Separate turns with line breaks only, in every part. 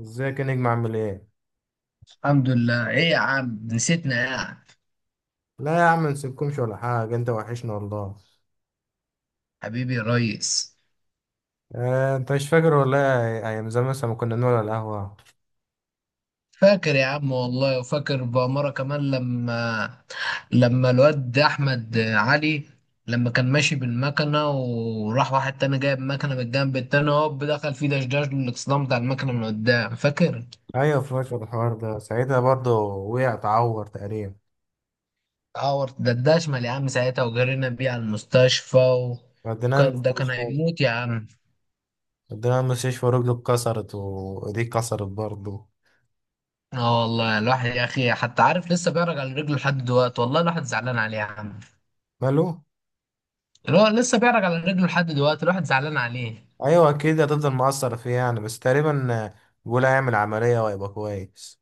ازيك يا نجم عامل ايه؟
الحمد لله. ايه يا عم، نسيتنا يا عم.
لا يا عم منسيبكمش ولا حاجة، انت وحشنا والله.
حبيبي يا ريس.
انت مش فاكر ولا ايه، ايام زمان مثلا ما كنا نقعد على القهوة؟
فاكر يا عم والله، وفاكر بأمارة كمان لما الواد أحمد علي، لما كان ماشي بالمكنة وراح واحد تاني جايب مكنة من الجنب التاني هوب دخل فيه دشداش للإكسدام بتاع المكنة من قدام، فاكر؟
ايوه فاكر الحوار ده، ساعتها برضه وقع اتعور تقريبا.
عور ده اشمل يا عم ساعتها، وجرينا بيه على المستشفى
وديناه
وكان ده كان
المستشفى
هيموت يا عم.
وديناه المستشفى ورجله اتكسرت وايديه اتكسرت برضه.
اه والله الواحد يا اخي، حتى عارف لسه بيرجع على رجله لحد دلوقتي، والله الواحد زعلان عليه يا عم.
ماله؟
اللي هو لسه بيعرج على رجله لحد دلوقتي، الواحد زعلان عليه.
ايوه اكيد هتفضل مقصر فيه يعني، بس تقريبا بيقول هيعمل عملية وهيبقى كويس.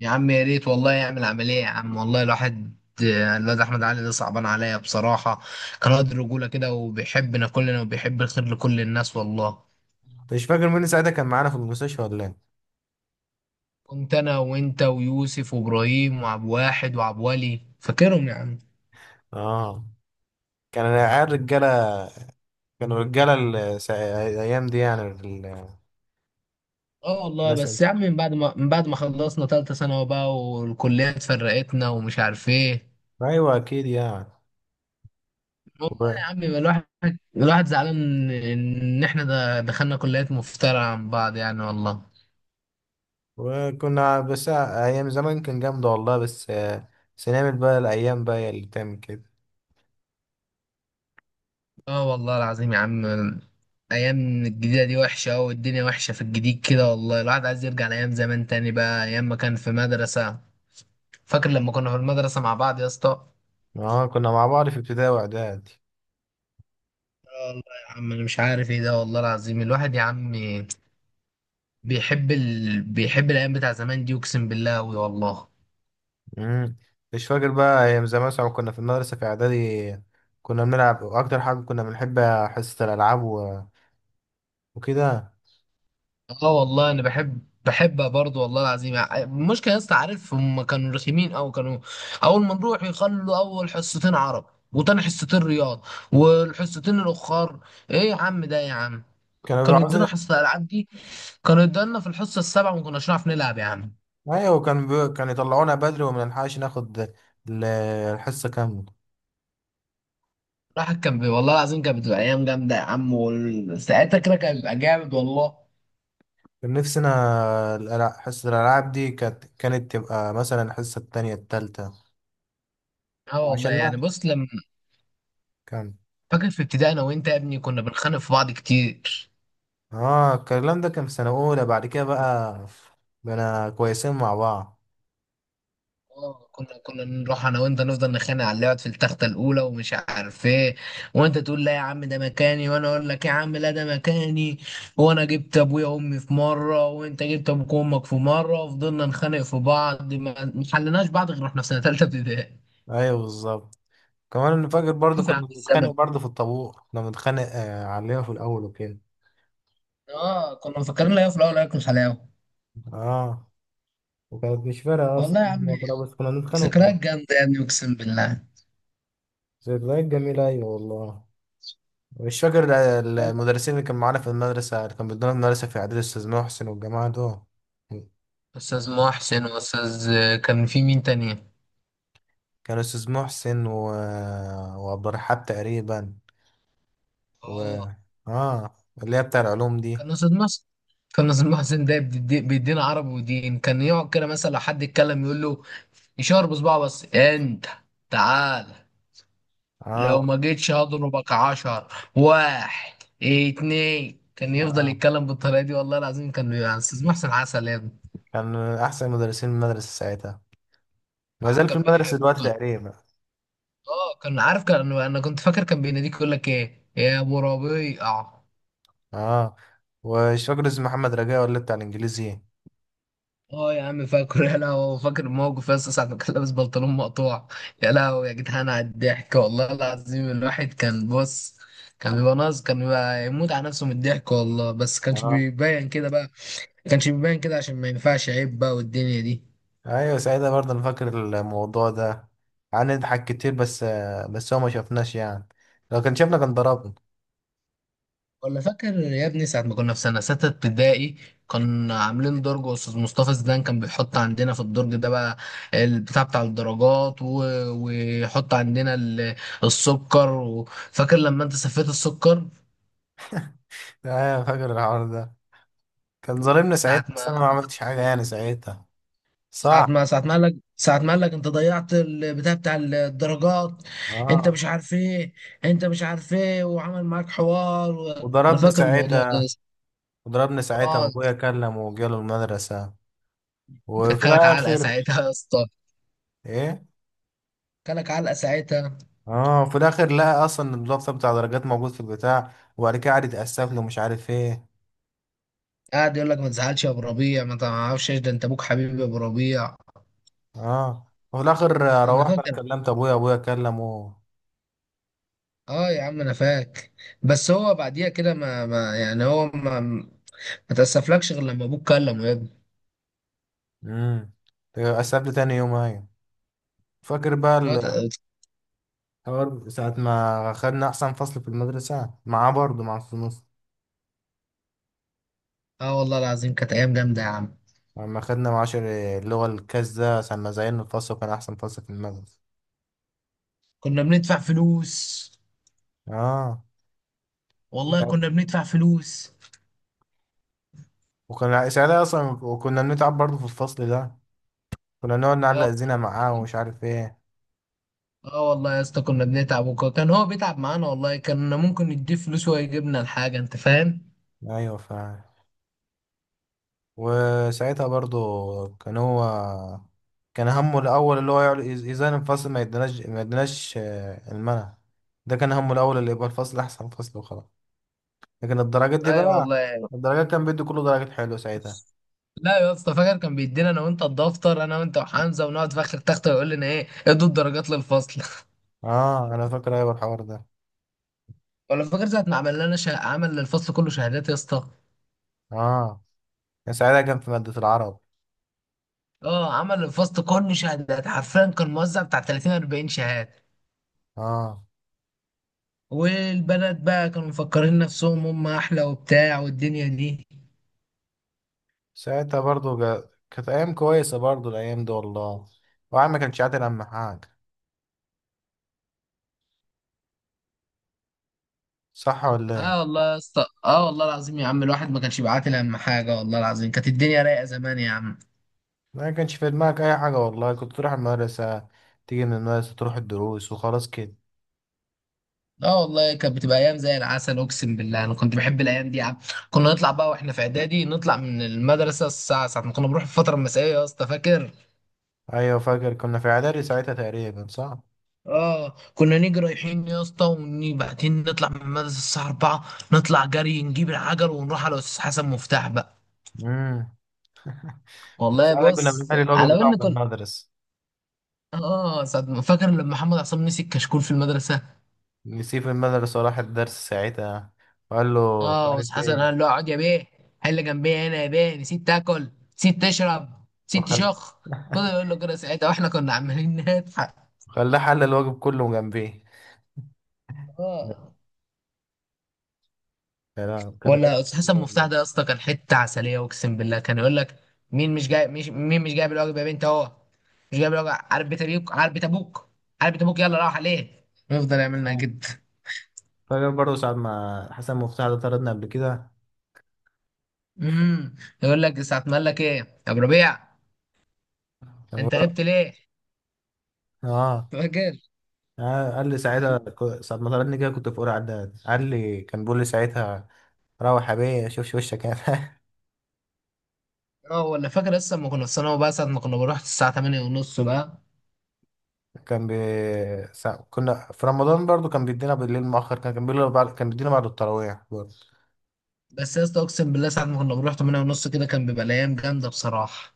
يا عم يا ريت والله يعمل عملية يا عم، والله الواحد الواد احمد علي ده صعبان عليا بصراحة. كان قد رجولة كده وبيحبنا كلنا وبيحب الخير لكل الناس والله.
انت مش فاكر مين ساعتها كان معانا في المستشفى ولا ايه؟
كنت انا وانت ويوسف وابراهيم وعبد واحد وعبد ولي، فاكرهم يا عم.
اه. كان العيال رجالة، كانوا رجالة الأيام دي يعني
اه والله
الناس دي.
بس يا عم، من بعد ما خلصنا تالتة ثانوي بقى والكلية اتفرقتنا ومش عارف ايه.
أيوة أكيد يعني.
والله
و-
يا عم يبقى الواحد زعلان ان احنا ده دخلنا كليات مفترعة عن بعض يعني والله.
وكنا، بس أيام زمان كان جامدة والله، بس بس نعمل بقى، الأيام بقى هي اللي تعمل كده.
اه والله العظيم يا عم. ايام الجديدة دي وحشة أوي والدنيا وحشة في الجديد كده، والله الواحد عايز يرجع لايام زمان تاني بقى، ايام ما كان في مدرسة. فاكر لما كنا في المدرسة مع بعض يا اسطى؟
اه، كنا مع بعض في ابتدائي وإعدادي.
آه والله. يا عم انا مش عارف ايه ده، والله العظيم الواحد يا عم بيحب الايام بتاع زمان دي اقسم بالله أوي والله.
مم. مش فاكر بقى أيام زمان مثلا كنا في المدرسة في إعدادي، كنا بنلعب، وأكتر حاجة كنا بنحب حصة الألعاب وكده.
اه والله انا بحب، برضه والله العظيم. المشكله يا اسطى، عارف هم كانوا رخيمين او كانوا، اول ما نروح يخلوا اول حصتين عرب وتاني حصتين رياض والحصتين الاخر ايه يا عم ده يا عم
كانوا بيبقوا
كانوا يدونا
عاوزين،
حصه الالعاب دي. كانوا يدونا في الحصه السابعه وما كناش نعرف نلعب يا عم.
أيوة. كانوا يطلعونا بدري ومنلحقش ناخد الحصة كاملة.
الواحد والله العظيم كانت بتبقى ايام جامده يا عم، وساعتها كده كان بيبقى جامد والله.
كان نفسي انا حصة الالعاب دي كانت تبقى مثلا الحصة التانية التالتة،
اه والله
وعشان
يعني
نعرف
بص لما،
كان.
فاكر في ابتدائي انا وانت يا ابني كنا بنخانق في بعض كتير.
اه، الكلام ده كان في سنة اولى، بعد كده بقى بقينا كويسين مع بعض.
اه كنا نروح انا وانت نفضل نخانق على اللي يقعد في التخته الاولى ومش عارف ايه، وانت تقول لا يا عم ده مكاني وانا اقول لك يا عم لا ده مكاني، وانا جبت ابويا وامي في مره وانت جبت ابوك وامك في مره وفضلنا نخانق في بعض ما حلناش بعض غير واحنا في سنه ثالثه ابتدائي.
ايوه بالظبط. كمان انا فاكر برضو
شوف يا عم
كنا بنتخانق
الزمن.
برضو في الطابور، كنا بنتخانق عليها في الاول وكده.
اه كنا مفكرين لا في الاول هياكل حلاوه.
اه، وكانت مش فارقة اصلا،
والله يا عم.
وخلاص، بس كنا بنتخانق
ذكريات
وخلاص.
جامده يا ابني اقسم بالله.
ذكريات جميلة، ايوه والله. مش فاكر
والله.
المدرسين اللي كان معانا في المدرسة، اللي كان بيدونا المدرسة في إعدادي، الأستاذ محسن والجماعة دول؟
استاذ محسن واستاذ كان في مين تاني؟
كان استاذ محسن، وعبد الرحاب تقريبا، و
اه
اه، اللي هي بتاع العلوم دي.
كان ناصر مصر، كان ناصر محسن ده بيدينا عربي ودين. كان يقعد كده مثلا لو حد يتكلم يقول له، يشاور بصباعه بس، انت تعال لو
اه.
ما جيتش هضربك عشر. واحد، اتنين. كان يفضل
اه،
يتكلم بالطريقه دي والله العظيم. كان يعني استاذ محسن عسل يا ابني.
كان من احسن مدرسين المدرسه ساعتها، ما
الواحد
زال في
كان
المدرسه
بيحبه.
دلوقتي
كان،
تقريبا.
اه كان عارف، كان انا كنت فاكر كان بيناديك يقول لك ايه يا ابو ربيع.
اه. ومش فاكر اسمه محمد رجاء ولا بتاع الانجليزي؟
اه يا عم فاكر، يا لهوي فاكر الموقف يا اسطى، ساعة ما كان لابس بنطلون مقطوع. يا لهوي يا جدعان على الضحك، والله العظيم الواحد كان بص. كان بيبقى يموت على نفسه من الضحك والله، بس كانش
اه.
بيبين كده بقى. كانش بيبين كده عشان ما ينفعش عيب بقى والدنيا دي.
ايوه ساعتها برضه انا فاكر الموضوع ده، قعدنا نضحك كتير بس. بس هو ما شافناش يعني، لو كان شافنا كان ضربنا.
ولا فاكر يا ابني ساعة ما كنا في سنة ستة ابتدائي، كنا عاملين درج وأستاذ مصطفى زيدان كان بيحط عندنا في الدرج ده بقى، البتاع بتاع الدرجات، و... ويحط عندنا ال... السكر. و... فاكر لما أنت سفيت السكر؟
ايوه فاكر الحوار ده، كان ظالمنا
ساعة
ساعتها، بس
ما
انا ما عملتش حاجه يعني ساعتها. صح.
ساعة ما قال لك أنت ضيعت البتاع بتاع الدرجات، أنت
اه.
مش عارف إيه، وعمل معاك حوار. و... أنا
وضربني
فاكر الموضوع ده.
ساعتها وضربني ساعتها
آه،
وابويا كلم وجاله المدرسة.
ده
وفي
كلك علقة
الاخر.
ساعتها يا اسطى.
ايه.
كلك علقة ساعتها.
اه، في الاخر لقى اصلا الدفتر بتاع درجات موجود في البتاع، وبعد كده قعد يتأسف له مش عارف ايه.
قاعد يقول لك ما تزعلش يا ابو ربيع، ما تعرفش إيش ده، انت ابوك حبيبي يا ابو ربيع.
اه. وفي الاخر
انا
روحت انا
فاكر.
كلمت ابويا، ابويا كلمه.
اه يا عم انا فاكر. بس هو بعديها كده ما يعني هو ما تاسفلكش غير لما ابوك كلمه يا ابني.
امم. اتأسف لي تاني يوم، ايوه. فاكر بقى
هو تأ-
الحوار ساعة ما خدنا أحسن فصل في المدرسة معاه برضه مع الفصول،
اه والله العظيم كانت ايام جامده يا عم.
لما خدنا معاشر اللغة الكاس ده عشان ما زينا الفصل، وكان أحسن فصل في المدرسة.
كنا بندفع فلوس.
اه.
والله كنا بندفع فلوس.
وكنا ساعتها اصلا وكنا بنتعب برضه في الفصل ده، كنا نقعد
اه.
نعلق زينة معاه ومش عارف ايه.
آه والله يا اسطى كنا بنتعب وكان هو بيتعب معانا والله. كان ممكن نديه فلوس ويجيبنا الحاجه، انت فاهم.
ايوه. وساعتها برضه كان هو، كان همه الاول اللي هو ازاي الفصل ما يديناش المنع. ده كان همه الاول اللي يبقى الفصل احسن فصل وخلاص، لكن الدرجات دي
ايوه
بقى،
والله.
الدرجات كان بيدي كله درجات حلوه ساعتها.
لا يا اسطى، فاكر كان بيدينا انا وانت الدفتر، انا وانت وحمزه، ونقعد في اخر تخته ويقول لنا ايه، ادوا الدرجات للفصل
اه. انا فاكر ايوه الحوار ده
ولا فاكر ساعه ما عمل للفصل كله شهادات يا اسطى؟
اه كان ساعتها كان في مادة العرب.
اه عمل للفصل كله شهادات حرفيا، كان موزع بتاع 30 40 شهاده.
اه.
والبنات بقى كانوا مفكرين نفسهم هم احلى وبتاع والدنيا دي.
ساعتها برضو كانت أيام كويسة برضو الأيام دي والله، وعم ما كانش عاتل أهم حاجة، صح ولا
اه
إيه؟
والله يا اسطى، اه والله العظيم يا عم الواحد ما كانش بيعاتل اهم حاجه. والله العظيم كانت الدنيا رايقه زمان يا عم.
ما كانش في دماغك أي حاجة والله، كنت تروح المدرسة، تيجي من المدرسة تروح الدروس وخلاص كده.
اه والله كانت بتبقى ايام زي العسل، اقسم بالله انا كنت بحب الايام دي يا عم. كنا نطلع بقى واحنا في اعدادي، نطلع من المدرسه الساعه، ساعه ما كنا بنروح في الفتره المسائيه يا اسطى، فاكر.
أيوة فاكر كنا في إعدادي ساعتها تقريبا صح؟
اه كنا نيجي رايحين يا اسطى وبعدين نطلع من المدرسه الساعه 4. نطلع جري نجيب العجل ونروح على استاذ حسن مفتاح بقى.
امم.
والله
ساعتها كنا
بص
بنحل الواجب
على
بتاعه
ان
في
كنا،
المدرسة،
اه ساعة ما- فاكر لما محمد عصام مسك كشكول في المدرسه.
نسيه في المدرسة وراح الدرس ساعتها، وقال له مش
اه
عارف
بس حسن
إيه.
قال له اقعد يا بيه، حل جنبي هنا يا بيه، نسيت تاكل، نسيت تشرب، نسيت
وخل-
تشخ. فضل يقول له كده ساعتها واحنا كنا عمالين نضحك.
خلاه حل الواجب كله جنبيه. لا.
اه،
لا، كانت أيام
ولا استاذ حسن
جامدة
مفتاح
والله.
ده يا اسطى كان حته عسليه اقسم بالله. كان يقول لك مين مش جايب الواجب يا بنت اهو، مش جايب الواجب، عارف بيت ابوك، عارف بيت ابوك، عارف بيت ابوك، يلا راح عليه يفضل يعملنا جد.
فاكر برضه ساعة ما حسن مفتاح ده طردنا قبل كده؟
امم يقول لك ساعه ما قال لك ايه يا ابو ربيع،
كان
انت
هو-
غبت ليه؟
اه.
فاكر؟
قال لي ساعتها ساعة ما طردني كده، كنت في أولى إعداد، قال لي كان بيقول لي ساعتها: روح يا بيه شوفش وشك يعني.
اه، ولا فاكر لسه لما كنا في ثانوي بقى ساعة ما كنا بنروح الساعة 8 ونص بقى؟
كان بي... كنا في رمضان برضه، كان بيدينا بالليل مؤخر، كان بيقول كان بيدينا بعد التراويح برضه.
بس يا اسطى اقسم بالله ساعة ما كنا بنروح 8 ونص كده كان بيبقى الأيام جامدة بصراحة.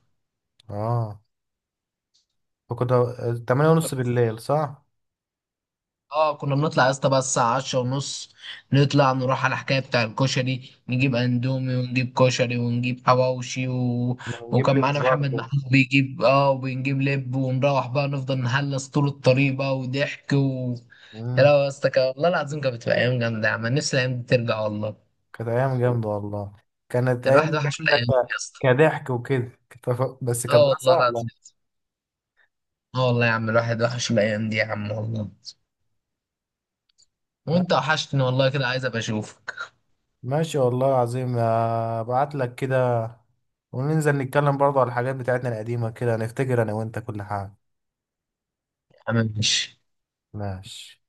اه. فكنا تمانية
كان-
ونص بالليل، صح؟
اه كنا بنطلع يا اسطى بقى الساعة 10 ونص. نطلع نروح على الحكاية بتاع الكشري، نجيب اندومي ونجيب كشري ونجيب حواوشي. و...
كنا بنجيب
وكان
لب
معانا محمد
برضه.
محمود بيجيب، اه، وبنجيب لب ونروح بقى نفضل نهلس طول الطريق بقى وضحك. و... يا
مم.
لهوي يا اسطى والله العظيم كانت بتبقى أيام جامدة يا عم، نفسي الأيام دي ترجع والله.
كانت أيام جامدة والله، كانت
كان
أيام
الواحد وحش
جامدة
الأيام دي يا اسطى.
كضحك وكده بس
اه والله
كدراسة
لا.
لا.
اه والله يا عم الواحد وحش الايام دي يا عم والله. وانت وحشتني والله، كده عايز ابقى اشوفك.
ماشي والله العظيم، ابعت لك كده وننزل نتكلم برضه على الحاجات بتاعتنا القديمة كده، نفتكر انا وانت كل حاجة.
يا عم ماشي.
ماشي.